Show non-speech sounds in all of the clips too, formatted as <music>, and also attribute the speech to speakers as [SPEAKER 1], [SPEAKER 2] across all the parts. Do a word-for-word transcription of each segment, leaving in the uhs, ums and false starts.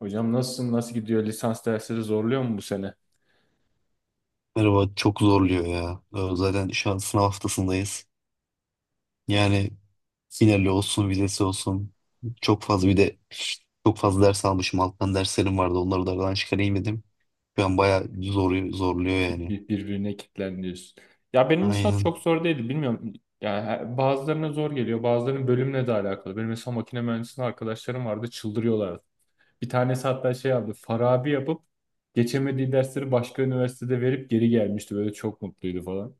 [SPEAKER 1] Hocam nasılsın? Nasıl gidiyor? Lisans dersleri zorluyor mu bu sene?
[SPEAKER 2] Merhaba, çok zorluyor ya. Ee, Zaten şu an sınav haftasındayız. Yani finali olsun, vizesi olsun. Çok fazla bir de çok fazla ders almışım. Alttan derslerim vardı. Onları da aradan çıkarayım dedim. Şu an bayağı zor, zorluyor yani.
[SPEAKER 1] Bir- Birbirine kilitlen. Ya benim lisans
[SPEAKER 2] Aynen.
[SPEAKER 1] çok zor değildi. Bilmiyorum. Yani her- bazılarına zor geliyor. Bazılarının bölümle de alakalı. Benim mesela makine mühendisliği arkadaşlarım vardı. Çıldırıyorlardı. Bir tanesi hatta şey yaptı. Farabi yapıp geçemediği dersleri başka üniversitede verip geri gelmişti. Böyle çok mutluydu falan.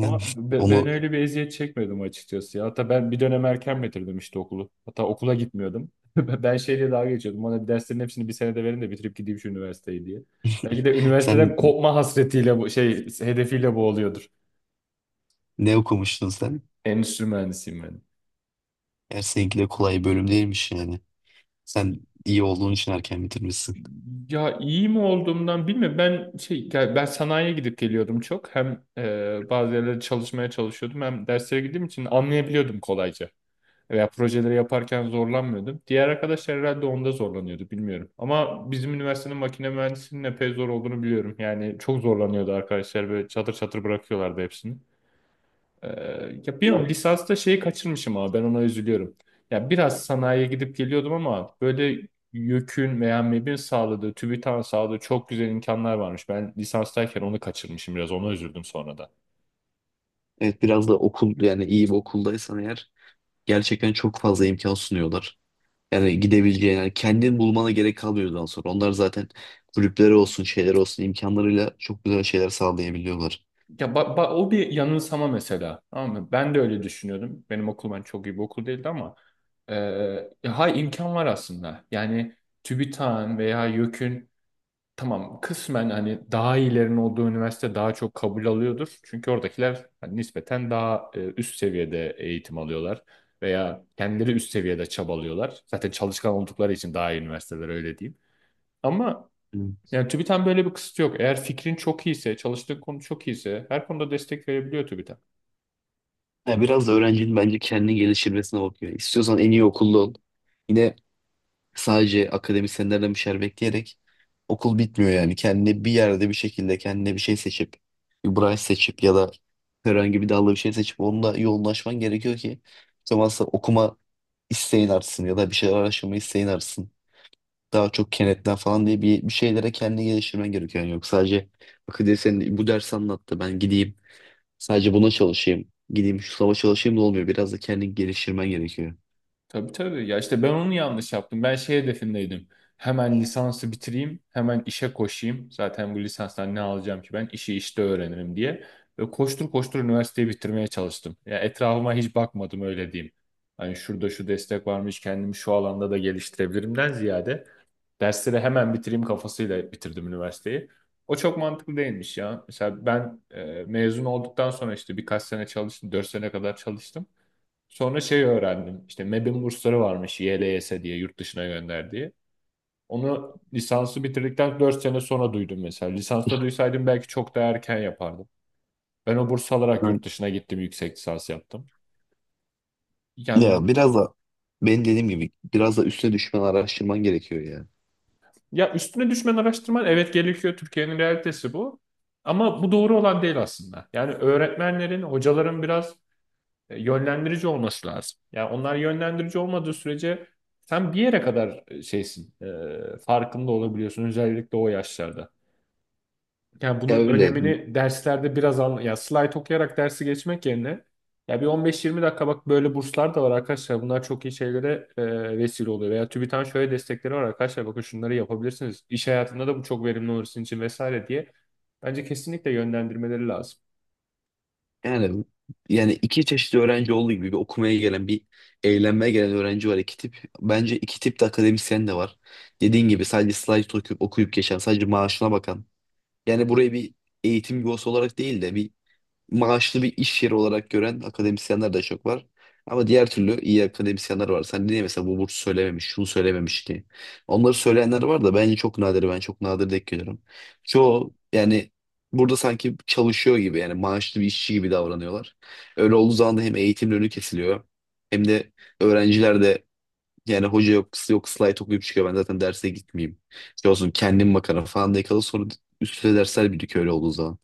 [SPEAKER 1] Ama
[SPEAKER 2] <laughs>
[SPEAKER 1] be- ben
[SPEAKER 2] Onu
[SPEAKER 1] öyle bir eziyet çekmedim açıkçası ya. Hatta ben bir dönem erken bitirdim işte okulu. Hatta okula gitmiyordum. <laughs> Ben şeyle dalga geçiyordum. Bana derslerin hepsini bir senede verin de bitirip gideyim şu üniversiteyi diye. Belki de
[SPEAKER 2] <laughs> sen
[SPEAKER 1] üniversiteden kopma hasretiyle bu şey hedefiyle boğuluyordur.
[SPEAKER 2] ne okumuştun sen?
[SPEAKER 1] Endüstri mühendisiyim ben.
[SPEAKER 2] Eğer seninki de kolay bir bölüm değilmiş yani. Sen iyi olduğun için erken bitirmişsin.
[SPEAKER 1] Ya iyi mi olduğumdan bilmiyorum. Ben şey ya ben sanayiye gidip geliyordum çok. Hem e, bazı yerlerde çalışmaya çalışıyordum hem derslere gittiğim için anlayabiliyordum kolayca veya projeleri yaparken zorlanmıyordum. Diğer arkadaşlar herhalde onda zorlanıyordu bilmiyorum. Ama bizim üniversitenin makine mühendisinin epey zor olduğunu biliyorum. Yani çok zorlanıyordu arkadaşlar, böyle çatır çatır bırakıyorlardı hepsini. Ee, ya
[SPEAKER 2] Ya
[SPEAKER 1] bilmiyorum lisansta şeyi kaçırmışım ama ben ona üzülüyorum. Ya biraz sanayiye gidip geliyordum ama böyle YÖK'ün veya M E B'in sağladığı, TÜBİTAK'ın sağladığı çok güzel imkanlar varmış. Ben lisanstayken onu kaçırmışım, biraz ona üzüldüm sonra da.
[SPEAKER 2] evet, biraz da okul, yani iyi bir okuldaysan eğer gerçekten çok fazla imkan sunuyorlar. Yani gidebileceğin, yani kendin bulmana gerek kalmıyor daha sonra. Onlar zaten kulüpleri olsun, şeyler olsun imkanlarıyla çok güzel şeyler sağlayabiliyorlar.
[SPEAKER 1] Ya ba- ba- o bir yanılsama mesela. Tamam mı? Ben de öyle düşünüyordum. Benim okul, ben çok iyi bir okul değildi ama e, ya hay imkan var aslında. Yani TÜBİTAK'ın veya YÖK'ün tamam kısmen hani daha iyilerin olduğu üniversite daha çok kabul alıyordur. Çünkü oradakiler hani nispeten daha e, üst seviyede eğitim alıyorlar veya kendileri üst seviyede çabalıyorlar. Zaten çalışkan oldukları için daha iyi üniversiteler, öyle diyeyim. Ama
[SPEAKER 2] Hı.
[SPEAKER 1] yani TÜBİTAK'ın böyle bir kısıtı yok. Eğer fikrin çok iyiyse, çalıştığın konu çok iyiyse her konuda destek verebiliyor TÜBİTAK.
[SPEAKER 2] Yani biraz da öğrencinin bence kendini geliştirmesine bakıyor. İstiyorsan en iyi okulda ol. Yine sadece akademisyenlerden bir şeyler bekleyerek okul bitmiyor yani. Kendine bir yerde bir şekilde kendine bir şey seçip, bir branş seçip ya da herhangi bir dalda bir şey seçip onunla yoğunlaşman gerekiyor ki o zaman okuma isteğin artsın ya da bir şeyler araştırma isteğin artsın. Daha çok kenetlen falan diye bir, bir şeylere kendini geliştirmen gerekiyor. Yani yok, sadece bak diye sen bu ders anlattı ben gideyim, sadece buna çalışayım gideyim şu sınava çalışayım da olmuyor. Biraz da kendini geliştirmen gerekiyor.
[SPEAKER 1] Tabii, tabii. Ya işte ben onu yanlış yaptım. Ben şey hedefindeydim. Hemen lisansı bitireyim, hemen işe koşayım. Zaten bu lisanstan ne alacağım ki ben? İşi işte öğrenirim diye. Ve koştur koştur üniversiteyi bitirmeye çalıştım. Ya etrafıma hiç bakmadım, öyle diyeyim. Hani şurada şu destek varmış, kendimi şu alanda da geliştirebilirimden ziyade dersleri hemen bitireyim kafasıyla bitirdim üniversiteyi. O çok mantıklı değilmiş ya. Mesela ben e, mezun olduktan sonra işte birkaç sene çalıştım. Dört sene kadar çalıştım. Sonra şey öğrendim. İşte M E B'in bursları varmış, Y L S diye, yurt dışına gönderdiği. Onu lisansı bitirdikten dört sene sonra duydum mesela. Lisansta duysaydım belki çok daha erken yapardım. Ben o burs alarak
[SPEAKER 2] Evet.
[SPEAKER 1] yurt dışına gittim, yüksek lisans yaptım. Yani
[SPEAKER 2] Ya biraz da benim dediğim gibi biraz da üstüne düşmen araştırman gerekiyor ya.
[SPEAKER 1] ya üstüne düşmen, araştırman, evet, gerekiyor. Türkiye'nin realitesi bu. Ama bu doğru olan değil aslında. Yani öğretmenlerin, hocaların biraz e, yönlendirici olması lazım. Yani onlar yönlendirici olmadığı sürece sen bir yere kadar e, şeysin, e, farkında olabiliyorsun, özellikle o yaşlarda. Yani
[SPEAKER 2] Ya
[SPEAKER 1] bunun
[SPEAKER 2] öyle
[SPEAKER 1] önemini derslerde biraz anla. Ya slide okuyarak dersi geçmek yerine ya bir on beş yirmi dakika bak, böyle burslar da var arkadaşlar. Bunlar çok iyi şeylere e, vesile oluyor. Veya TÜBİTAK'ın şöyle destekleri var arkadaşlar. Bakın şunları yapabilirsiniz. İş hayatında da bu çok verimli olur sizin için vesaire diye. Bence kesinlikle yönlendirmeleri lazım.
[SPEAKER 2] yani, yani iki çeşit öğrenci olduğu gibi bir okumaya gelen bir eğlenmeye gelen öğrenci var, iki tip. Bence iki tip de akademisyen de var. Dediğin gibi sadece slide okuyup okuyup geçen, sadece maaşına bakan. Yani burayı bir eğitim yuvası olarak değil de bir maaşlı bir iş yeri olarak gören akademisyenler de çok var. Ama diğer türlü iyi akademisyenler var. Sen niye mesela bu burs söylememiş, şunu söylememiş diye. Onları söyleyenler var da bence çok nadir. Ben çok nadir denk geliyorum. Çoğu yani burada sanki çalışıyor gibi, yani maaşlı bir işçi gibi davranıyorlar. Öyle olduğu zaman da hem eğitimin önü kesiliyor hem de öğrenciler de yani hoca yok, kız yok, slide okuyup çıkıyor. Ben zaten derse gitmeyeyim. Şey olsun, kendim bakarım falan diye kalır. Sonra üstüne dersler birikiyor öyle olduğu zaman.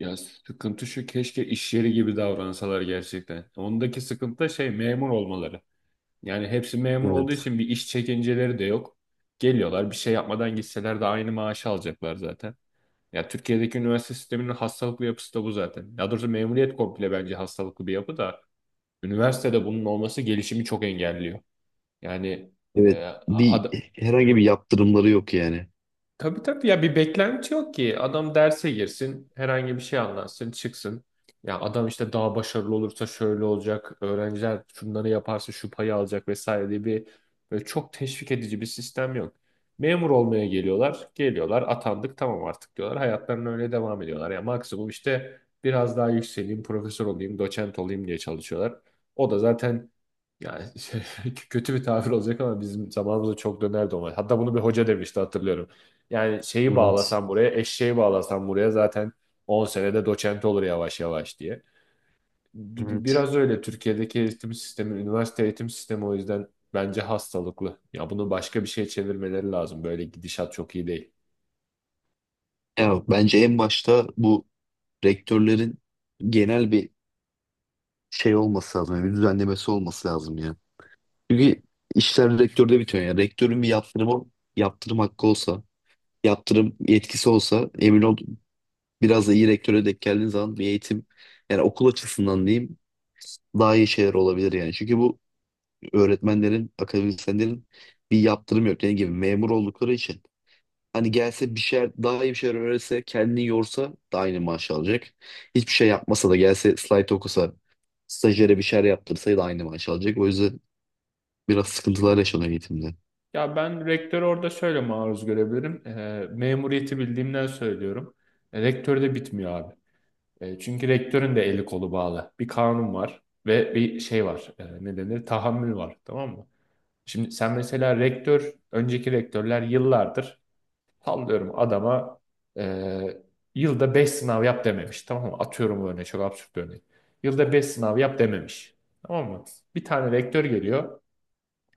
[SPEAKER 1] Ya sıkıntı şu, keşke iş yeri gibi davransalar gerçekten. Ondaki sıkıntı da şey, memur olmaları. Yani hepsi memur olduğu
[SPEAKER 2] Evet.
[SPEAKER 1] için bir iş çekinceleri de yok. Geliyorlar, bir şey yapmadan gitseler de aynı maaşı alacaklar zaten. Ya Türkiye'deki üniversite sisteminin hastalıklı yapısı da bu zaten. Ya doğrusu memuriyet komple bence hastalıklı bir yapı da, üniversitede bunun olması gelişimi çok engelliyor. Yani
[SPEAKER 2] Evet.
[SPEAKER 1] e,
[SPEAKER 2] Bir,
[SPEAKER 1] ad-
[SPEAKER 2] herhangi bir yaptırımları yok yani.
[SPEAKER 1] tabii, tabii, ya bir beklenti yok ki. Adam derse girsin, herhangi bir şey anlatsın, çıksın. Ya adam işte daha başarılı olursa şöyle olacak, öğrenciler şunları yaparsa şu payı alacak vesaire diye bir böyle çok teşvik edici bir sistem yok. Memur olmaya geliyorlar, geliyorlar, atandık tamam artık diyorlar. Hayatlarına öyle devam ediyorlar. Ya maksimum işte biraz daha yükseleyim, profesör olayım, doçent olayım diye çalışıyorlar. O da zaten, yani <laughs> kötü bir tabir olacak ama bizim zamanımızda çok dönerdi ona. Hatta bunu bir hoca demişti, hatırlıyorum. Yani şeyi
[SPEAKER 2] Evet.
[SPEAKER 1] bağlasan buraya, eşeği bağlasan buraya zaten on senede doçent olur yavaş yavaş diye. Bi- bi-
[SPEAKER 2] Evet.
[SPEAKER 1] Biraz öyle Türkiye'deki eğitim sistemi, üniversite eğitim sistemi o yüzden bence hastalıklı. Ya bunu başka bir şeye çevirmeleri lazım. Böyle gidişat çok iyi değil.
[SPEAKER 2] Ya bence en başta bu rektörlerin genel bir şey olması lazım. Yani bir düzenlemesi olması lazım ya. Çünkü işler rektörde bitiyor. Yani rektörün bir yaptırımı, yaptırım hakkı olsa, yaptırım yetkisi olsa emin ol biraz da iyi rektöre denk geldiğin zaman bir eğitim, yani okul açısından diyeyim, daha iyi şeyler olabilir yani. Çünkü bu öğretmenlerin, akademisyenlerin bir yaptırım yok. Dediğim gibi memur oldukları için. Hani gelse bir şeyler, daha iyi bir şeyler öğretse, kendini yorsa da aynı maaş alacak. Hiçbir şey yapmasa da, gelse slide okusa, stajyere bir şeyler yaptırsa da aynı maaş alacak. O yüzden biraz sıkıntılar yaşanıyor eğitimde.
[SPEAKER 1] Ya ben rektörü orada şöyle maruz görebilirim. Ee, memuriyeti bildiğimden söylüyorum. E, rektör de bitmiyor abi. E, çünkü rektörün de eli kolu bağlı. Bir kanun var ve bir şey var. E, ne denir? Tahammül var. Tamam mı? Şimdi sen mesela rektör, önceki rektörler yıllardır, sallıyorum adama, e, yılda beş sınav yap dememiş. Tamam mı? Atıyorum bu örneği, çok absürt bir örnek. Yılda beş sınav yap dememiş. Tamam mı? Bir tane rektör geliyor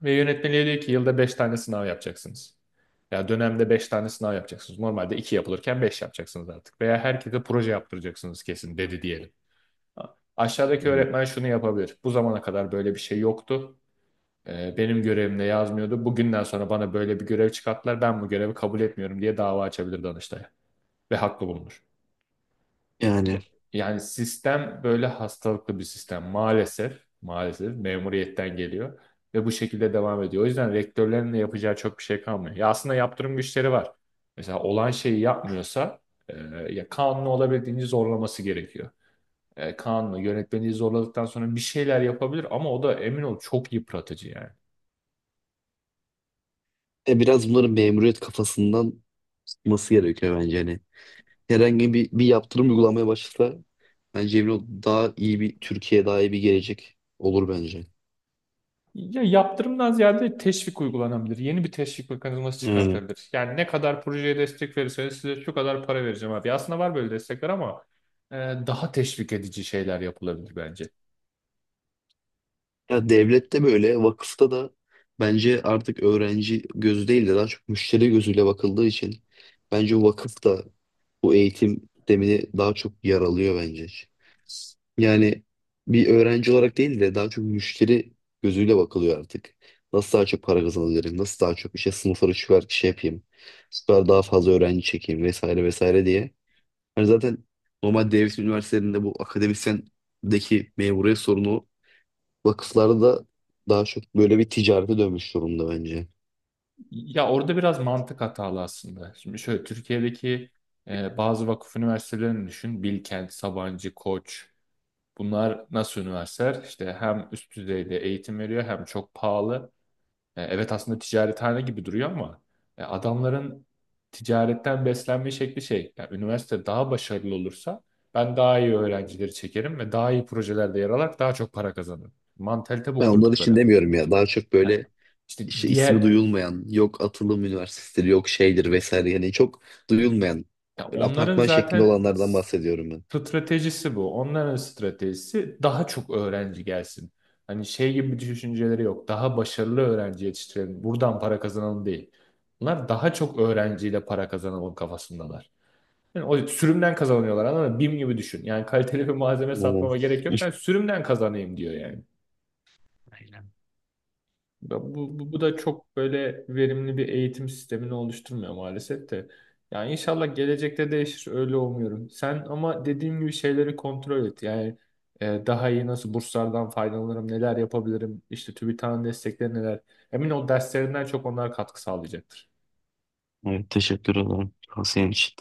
[SPEAKER 1] ve yönetmeliğe diyor ki yılda beş tane sınav yapacaksınız. Ya dönemde beş tane sınav yapacaksınız. Normalde iki yapılırken beş yapacaksınız artık. Veya herkese proje yaptıracaksınız kesin dedi diyelim.
[SPEAKER 2] Hı
[SPEAKER 1] Aşağıdaki
[SPEAKER 2] hı.
[SPEAKER 1] öğretmen şunu yapabilir. Bu zamana kadar böyle bir şey yoktu. Ee, benim görevimde yazmıyordu. Bugünden sonra bana böyle bir görev çıkarttılar. Ben bu görevi kabul etmiyorum diye dava açabilir Danıştay'a. Ve haklı bulunur. Ya-
[SPEAKER 2] Yani
[SPEAKER 1] Yani sistem böyle hastalıklı bir sistem. Maalesef, maalesef memuriyetten geliyor. Ve bu şekilde devam ediyor. O yüzden rektörlerin de yapacağı çok bir şey kalmıyor. Ya aslında yaptırım güçleri var. Mesela olan şeyi yapmıyorsa e, ya kanunu olabildiğince zorlaması gerekiyor. E, kanunu yönetmeliği zorladıktan sonra bir şeyler yapabilir ama o da emin ol çok yıpratıcı yani.
[SPEAKER 2] e, Biraz bunların memuriyet kafasından çıkması gerekiyor bence. Hani herhangi bir, bir yaptırım uygulamaya başlasa bence emin ol daha iyi bir Türkiye, daha iyi bir gelecek olur bence.
[SPEAKER 1] Ya yaptırımdan ziyade teşvik uygulanabilir. Yeni bir teşvik mekanizması
[SPEAKER 2] Yani.
[SPEAKER 1] çıkartabilir. Yani ne kadar projeye destek verirseniz size şu kadar para vereceğim abi. Aslında var böyle destekler ama e, daha teşvik edici şeyler yapılabilir bence.
[SPEAKER 2] Ya devlette böyle, vakıfta da bence artık öğrenci gözü değil de daha çok müşteri gözüyle bakıldığı için bence vakıf da bu eğitim sistemini daha çok yaralıyor bence. Yani bir öğrenci olarak değil de daha çok müşteri gözüyle bakılıyor artık. Nasıl daha çok para kazanabilirim? Nasıl daha çok işte sınıfları şu kadar şey yapayım? Şu kadar daha fazla öğrenci çekeyim vesaire vesaire diye. Hani zaten normal devlet üniversitelerinde bu akademisyendeki memuriyet sorunu, vakıflarda da daha çok böyle bir ticarete dönmüş durumda bence.
[SPEAKER 1] Ya orada biraz mantık hatalı aslında. Şimdi şöyle Türkiye'deki e, bazı vakıf üniversitelerini düşün. Bilkent, Sabancı, Koç. Bunlar nasıl üniversiteler? İşte hem üst düzeyde eğitim veriyor hem çok pahalı. E, Evet aslında ticarethane gibi duruyor ama e, adamların ticaretten beslenme şekli şey. Yani üniversite daha başarılı olursa ben daha iyi öğrencileri çekerim ve daha iyi projelerde yer alarak daha çok para kazanırım. Mantalite bu
[SPEAKER 2] Ben onlar için
[SPEAKER 1] kurdukları.
[SPEAKER 2] demiyorum ya. Daha çok
[SPEAKER 1] Ha,
[SPEAKER 2] böyle
[SPEAKER 1] İşte
[SPEAKER 2] işte ismi
[SPEAKER 1] diğer,
[SPEAKER 2] duyulmayan, yok atılım üniversiteleri, yok şeydir vesaire. Yani çok duyulmayan,
[SPEAKER 1] ya
[SPEAKER 2] böyle
[SPEAKER 1] onların
[SPEAKER 2] apartman şeklinde
[SPEAKER 1] zaten
[SPEAKER 2] olanlardan bahsediyorum ben.
[SPEAKER 1] stratejisi bu. Onların stratejisi daha çok öğrenci gelsin. Hani şey gibi bir düşünceleri yok. Daha başarılı öğrenci yetiştirelim, buradan para kazanalım değil. Bunlar daha çok öğrenciyle para kazanalım kafasındalar. Yani o sürümden kazanıyorlar, anladın mı? BİM gibi düşün. Yani kaliteli bir malzeme
[SPEAKER 2] Aynen.
[SPEAKER 1] satmama gerek yok. Ben
[SPEAKER 2] <laughs>
[SPEAKER 1] sürümden kazanayım diyor yani.
[SPEAKER 2] Aynen.
[SPEAKER 1] Bu, bu, bu da çok böyle verimli bir eğitim sistemini oluşturmuyor maalesef de. Yani inşallah gelecekte değişir, öyle umuyorum. Sen ama dediğim gibi şeyleri kontrol et. Yani e, daha iyi nasıl burslardan faydalanırım, neler yapabilirim, işte TÜBİTAK'ın destekleri neler. Emin ol derslerinden çok onlar katkı sağlayacaktır.
[SPEAKER 2] Evet, teşekkür ederim tavsiyen için.